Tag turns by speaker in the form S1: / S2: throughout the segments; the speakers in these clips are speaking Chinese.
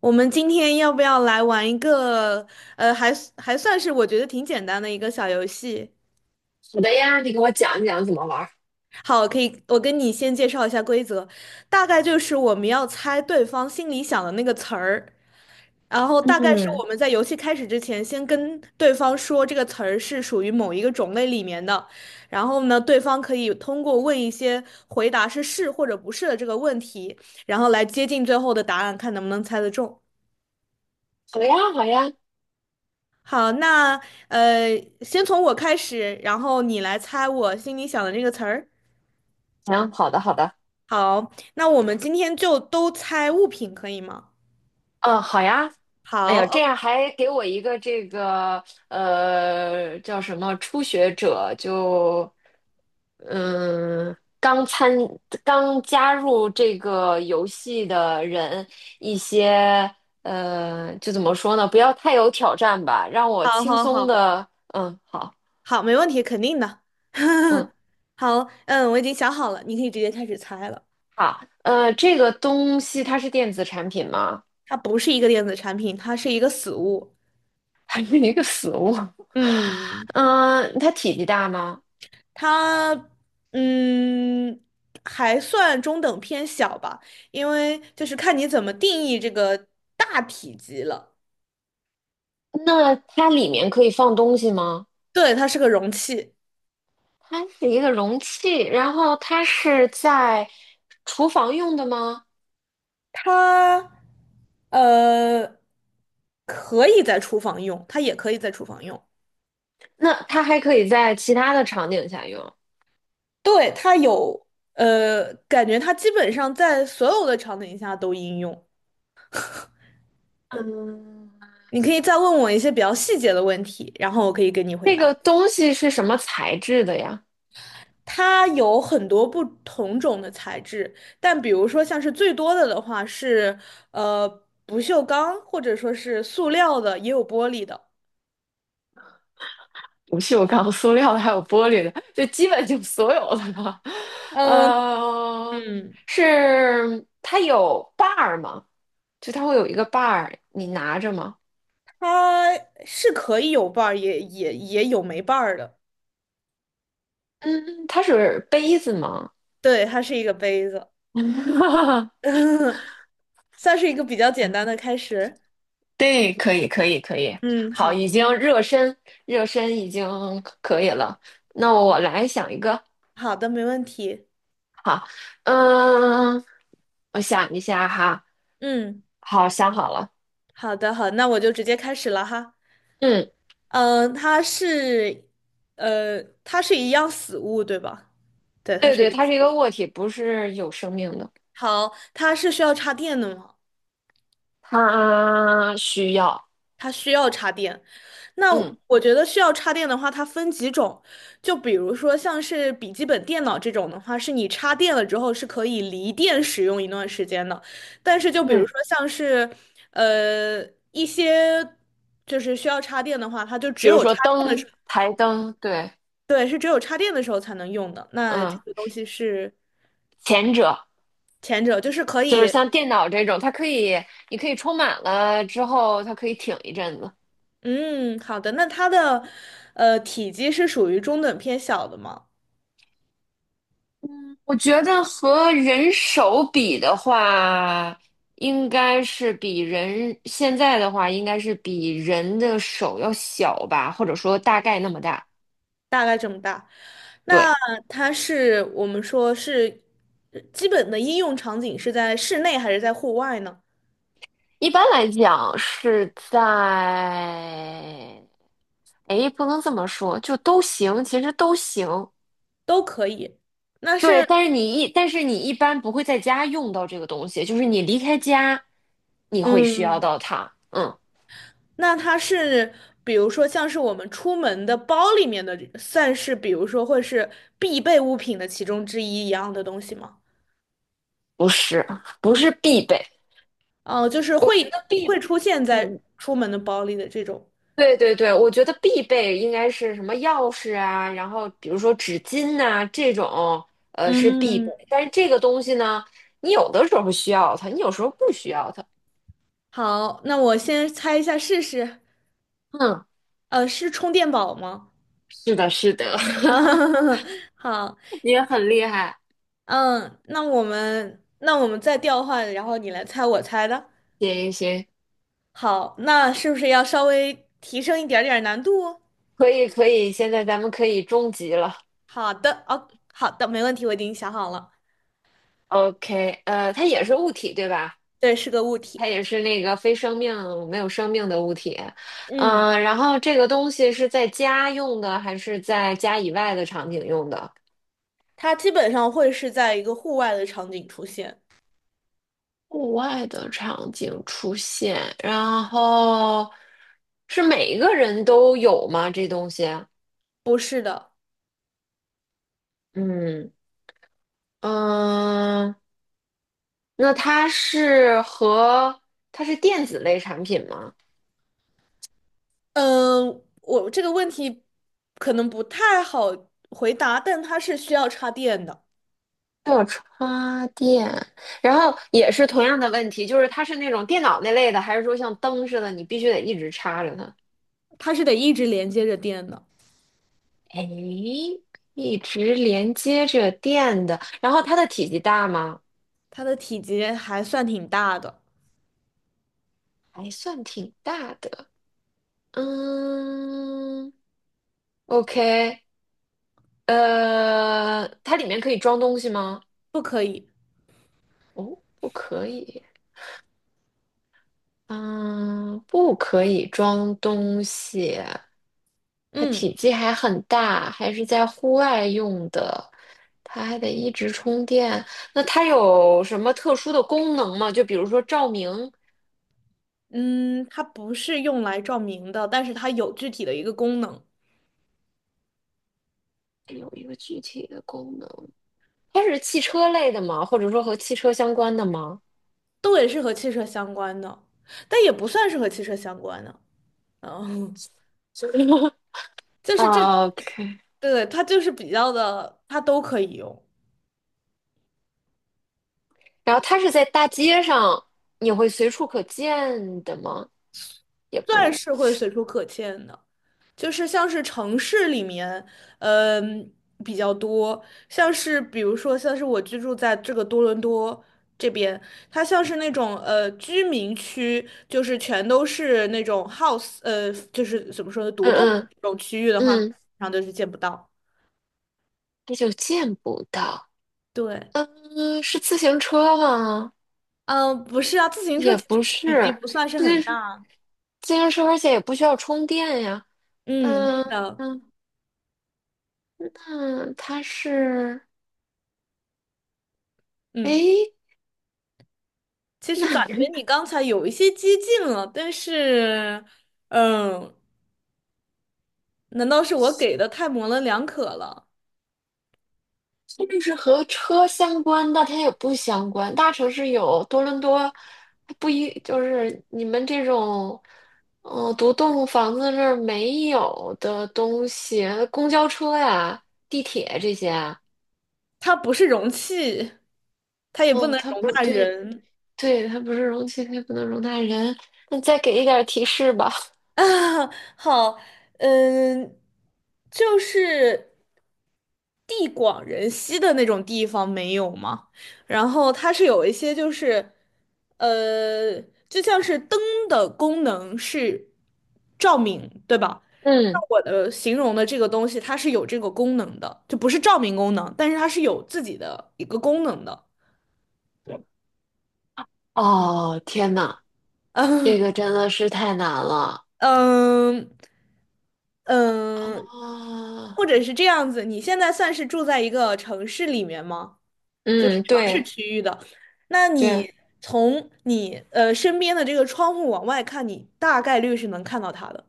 S1: 我们今天要不要来玩一个，还算是我觉得挺简单的一个小游戏？
S2: 好的呀，你给我讲一讲怎么玩儿。
S1: 好，可以，我跟你先介绍一下规则，大概就是我们要猜对方心里想的那个词儿，然后大概是
S2: 嗯，
S1: 我们在游戏开始之前，先跟对方说这个词儿是属于某一个种类里面的，然后呢，对方可以通过问一些回答是是或者不是的这个问题，然后来接近最后的答案，看能不能猜得中。
S2: 好呀，好呀，
S1: 好，那先从我开始，然后你来猜我心里想的这个词儿。
S2: 行，好的，好的，
S1: 好，那我们今天就都猜物品，可以吗？
S2: 嗯，好呀。哎
S1: 好，
S2: 呦，这
S1: 哦
S2: 样还给我一个这个叫什么初学者，就嗯刚参刚加入这个游戏的人一些就怎么说呢，不要太有挑战吧，让我
S1: 好，
S2: 轻
S1: 好，
S2: 松
S1: 好，
S2: 的。嗯。好。
S1: 好，没问题，肯定的。
S2: 嗯。
S1: 好，嗯，我已经想好了，你可以直接开始猜了。
S2: 好。这个东西它是电子产品吗？
S1: 它不是一个电子产品，它是一个死物。
S2: 还是一个死物。
S1: 嗯，
S2: 嗯，它体积大吗？
S1: 它嗯还算中等偏小吧，因为就是看你怎么定义这个大体积了。
S2: 那它里面可以放东西吗？
S1: 对，它是个容器，
S2: 它是一个容器，然后它是在厨房用的吗？
S1: 它呃可以在厨房用，它也可以在厨房用。
S2: 那它还可以在其他的场景下用。
S1: 对，它有感觉它基本上在所有的场景下都应用。
S2: 嗯，
S1: 你可以再问我一些比较细节的问题，然后我可以给你回
S2: 这
S1: 答。
S2: 个东西是什么材质的呀？
S1: 它有很多不同种的材质，但比如说像是最多的的话是呃不锈钢，或者说是塑料的，也有玻璃的。
S2: 不锈钢、塑料的，还有玻璃的，就基本就所有的了。
S1: 嗯
S2: 呃，
S1: 嗯。
S2: 是它有把儿吗？就它会有一个把儿，你拿着吗？
S1: 它是可以有瓣儿，也有没瓣儿的。
S2: 嗯，它是杯子吗？
S1: 对，它是一个杯子，算是一个比较简单的开始。
S2: 对，可以，可以，可以。
S1: 嗯，
S2: 好，
S1: 好，
S2: 已经热身，热身已经可以了。那我来想一个。
S1: 好的，没问题。
S2: 好，嗯，我想一下哈。
S1: 嗯，
S2: 好，想好了。
S1: 好的，好，那我就直接开始了哈。
S2: 嗯，
S1: 嗯、它是，它是一样死物，对吧？对，它
S2: 对
S1: 是
S2: 对，
S1: 一个。
S2: 它是一个物体，不是有生命的。
S1: 好，它是需要插电的吗？
S2: 它需要，
S1: 它需要插电。那
S2: 嗯
S1: 我觉得需要插电的话，它分几种，就比如说像是笔记本电脑这种的话，是你插电了之后是可以离电使用一段时间的。但是就比如
S2: 嗯，
S1: 说像是呃一些就是需要插电的话，它就只
S2: 比如
S1: 有
S2: 说
S1: 插电的
S2: 灯、
S1: 时候，
S2: 台灯，对，
S1: 对，是只有插电的时候才能用的。那这
S2: 嗯，
S1: 个东西是
S2: 前者。
S1: 前者，就是可
S2: 就是
S1: 以，
S2: 像电脑这种，它可以，你可以充满了之后，它可以挺一阵子。
S1: 嗯，好的。那它的体积是属于中等偏小的吗？
S2: 嗯，我觉得和人手比的话，应该是比人现在的话，应该是比人的手要小吧，或者说大概那么大。
S1: 大概这么大。那
S2: 对，
S1: 它是我们说是基本的应用场景是在室内还是在户外呢？
S2: 一般来讲是在，哎，不能这么说，就都行，其实都行。
S1: 都可以。那
S2: 对，
S1: 是，
S2: 但是你一般不会在家用到这个东西，就是你离开家，你会需要
S1: 嗯，
S2: 到它。嗯，
S1: 那它是比如说像是我们出门的包里面的，算是比如说会是必备物品的其中之一一样的东西吗？
S2: 不是，不是必备。
S1: 哦，就是
S2: 我觉
S1: 会
S2: 得必，
S1: 出现在
S2: 嗯，
S1: 出门的包里的这种。
S2: 对对对，我觉得必备应该是什么钥匙啊，然后比如说纸巾呐、这种，是必
S1: 嗯，
S2: 备。但是这个东西呢，你有的时候需要它，你有时候不需要它。
S1: 好，那我先猜一下试试。
S2: 嗯，
S1: 是充电宝吗？
S2: 是的，是的，
S1: 啊，好。
S2: 你也很厉害。
S1: 嗯，那我们再调换，然后你来猜我猜的。
S2: 行行行，
S1: 好，那是不是要稍微提升一点点难度哦？
S2: 可以可以，现在咱们可以终极了。
S1: 好的，哦，好的，没问题，我已经想好了。
S2: OK,它也是物体，对吧？
S1: 对，是个物体。
S2: 它也是那个非生命、没有生命的物体。
S1: 嗯，
S2: 然后这个东西是在家用的，还是在家以外的场景用的？
S1: 它基本上会是在一个户外的场景出现。
S2: 户外的场景出现，然后是每一个人都有吗？这东西？
S1: 不是的，
S2: 嗯，嗯，那它是电子类产品吗？
S1: 嗯，我这个问题可能不太好回答，但它是需要插电的，
S2: 要插电，然后也是同样的问题，就是它是那种电脑那类的，还是说像灯似的，你必须得一直插着它？
S1: 它是得一直连接着电的，
S2: 哎，一直连接着电的，然后它的体积大吗？
S1: 它的体积还算挺大的，
S2: 还算挺大的。嗯，OK,它里面可以装东西吗？
S1: 不可以。
S2: 哦，不可以。嗯，不可以装东西，它
S1: 嗯。
S2: 体积还很大，还是在户外用的，它还得一直充电。那它有什么特殊的功能吗？就比如说照明，
S1: 嗯，它不是用来照明的，但是它有具体的一个功能，
S2: 有一个具体的功能。它是汽车类的吗？或者说和汽车相关的吗？
S1: 都也是和汽车相关的，但也不算是和汽车相关的。嗯，就是这，
S2: 啊，OK。
S1: 对，它就是比较的，它都可以用，
S2: 然后它是在大街上，你会随处可见的吗？也不
S1: 钻
S2: 是，
S1: 是会随处可见的。就是像是城市里面，嗯，比较多，比如说像是我居住在这个多伦多这边，它像是那种居民区，就是全都是那种 house，就是怎么说呢，独栋
S2: 嗯
S1: 这种区域的话，通
S2: 嗯嗯，
S1: 常都是见不到。
S2: 那就见不到。
S1: 对，
S2: 嗯，是自行车吗？
S1: 嗯，不是啊，自行车
S2: 也
S1: 其实
S2: 不
S1: 体积
S2: 是，
S1: 不算是
S2: 就
S1: 很
S2: 是
S1: 大。
S2: 自行车，而且也不需要充电呀。
S1: 嗯，是
S2: 嗯
S1: 的，
S2: 嗯，那它是，
S1: 嗯，
S2: 诶，
S1: 其实
S2: 那
S1: 感
S2: 你
S1: 觉你刚才有一些激进了，但是，嗯。难道是我给的太模棱两可了？
S2: 是不是和车相关？但它也不相关。大城市有多伦多，它不一就是你们这种，独栋房子那儿没有的东西，公交车呀、地铁这些啊。
S1: 它不是容器，它也不
S2: 哦，
S1: 能
S2: 它
S1: 容
S2: 不是，
S1: 纳
S2: 对，
S1: 人
S2: 对，它不是容器，它也不能容纳人。那再给一点儿提示吧。
S1: 啊。好，嗯，就是地广人稀的那种地方没有吗？然后它是有一些就是，呃，就像是灯的功能是照明，对吧？那
S2: 嗯，
S1: 我的形容的这个东西，它是有这个功能的，就不是照明功能，但是它是有自己的一个功能的。
S2: 哦，天呐，这
S1: 嗯
S2: 个真的是太难了
S1: 嗯嗯，或
S2: 啊！
S1: 者是这样子，你现在算是住在一个城市里面吗？
S2: 嗯，对
S1: 那
S2: 对，
S1: 你从你身边的这个窗户往外看，你大概率是能看到它的。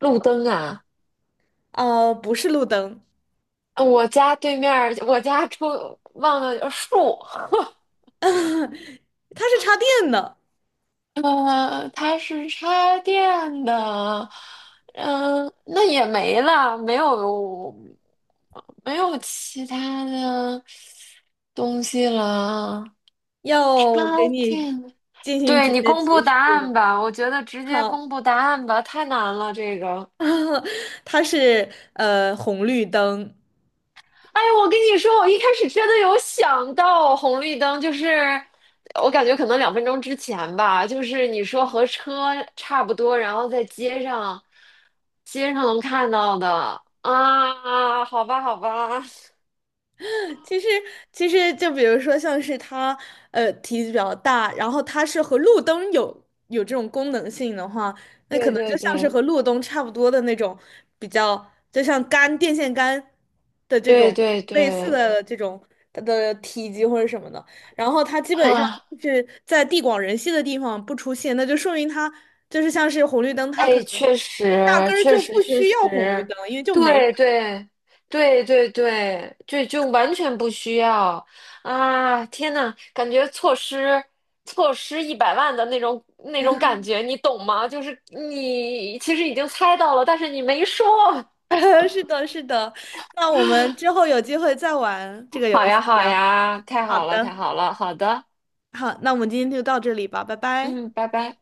S2: 路灯啊，
S1: 不是路灯，
S2: 我家对面儿我家出忘了树，
S1: 它是插电的。
S2: 它是插电的，那也没了，没有其他的东西了，
S1: 要
S2: 插
S1: 我给你
S2: 电。
S1: 进行
S2: 对
S1: 直
S2: 你
S1: 接
S2: 公布
S1: 提示
S2: 答
S1: 吗？
S2: 案吧，我觉得直接
S1: 好，
S2: 公布答案吧，太难了这个。
S1: 它是红绿灯，
S2: 哎，我跟你说，我一开始真的有想到红绿灯，就是我感觉可能2分钟之前吧，就是你说和车差不多，然后在街上，街上能看到的啊，好吧，好吧，
S1: 其实，其实就比如说，像是它，体积比较大，然后它是和路灯有这种功能性的话，那可
S2: 对
S1: 能就
S2: 对
S1: 像是
S2: 对
S1: 和路灯差不多的那种，比较就像杆电线杆的这
S2: 对
S1: 种
S2: 对
S1: 类似
S2: 对，
S1: 的这种它的体积或者什么的。然后它基本上
S2: 啊，
S1: 是在地广人稀的地方不出现，那就说明它就是像是红绿灯，它可
S2: 哎，
S1: 能
S2: 确实，
S1: 压根儿
S2: 确
S1: 就
S2: 实，
S1: 不
S2: 确
S1: 需
S2: 实，
S1: 要红绿灯，因为就没
S2: 对，
S1: 人。
S2: 对，对，对，对，就完全不需要啊！天呐，感觉错失1,000,000的那种感觉，你懂吗？就是你其实已经猜到了，但是你没说。
S1: 是的，是的。那我们之后有机会再玩这 个
S2: 好
S1: 游戏
S2: 呀，好
S1: 啊。
S2: 呀，太
S1: 好
S2: 好了，太
S1: 的，
S2: 好了，好的，
S1: 好，那我们今天就到这里吧，拜拜。
S2: 嗯，拜拜。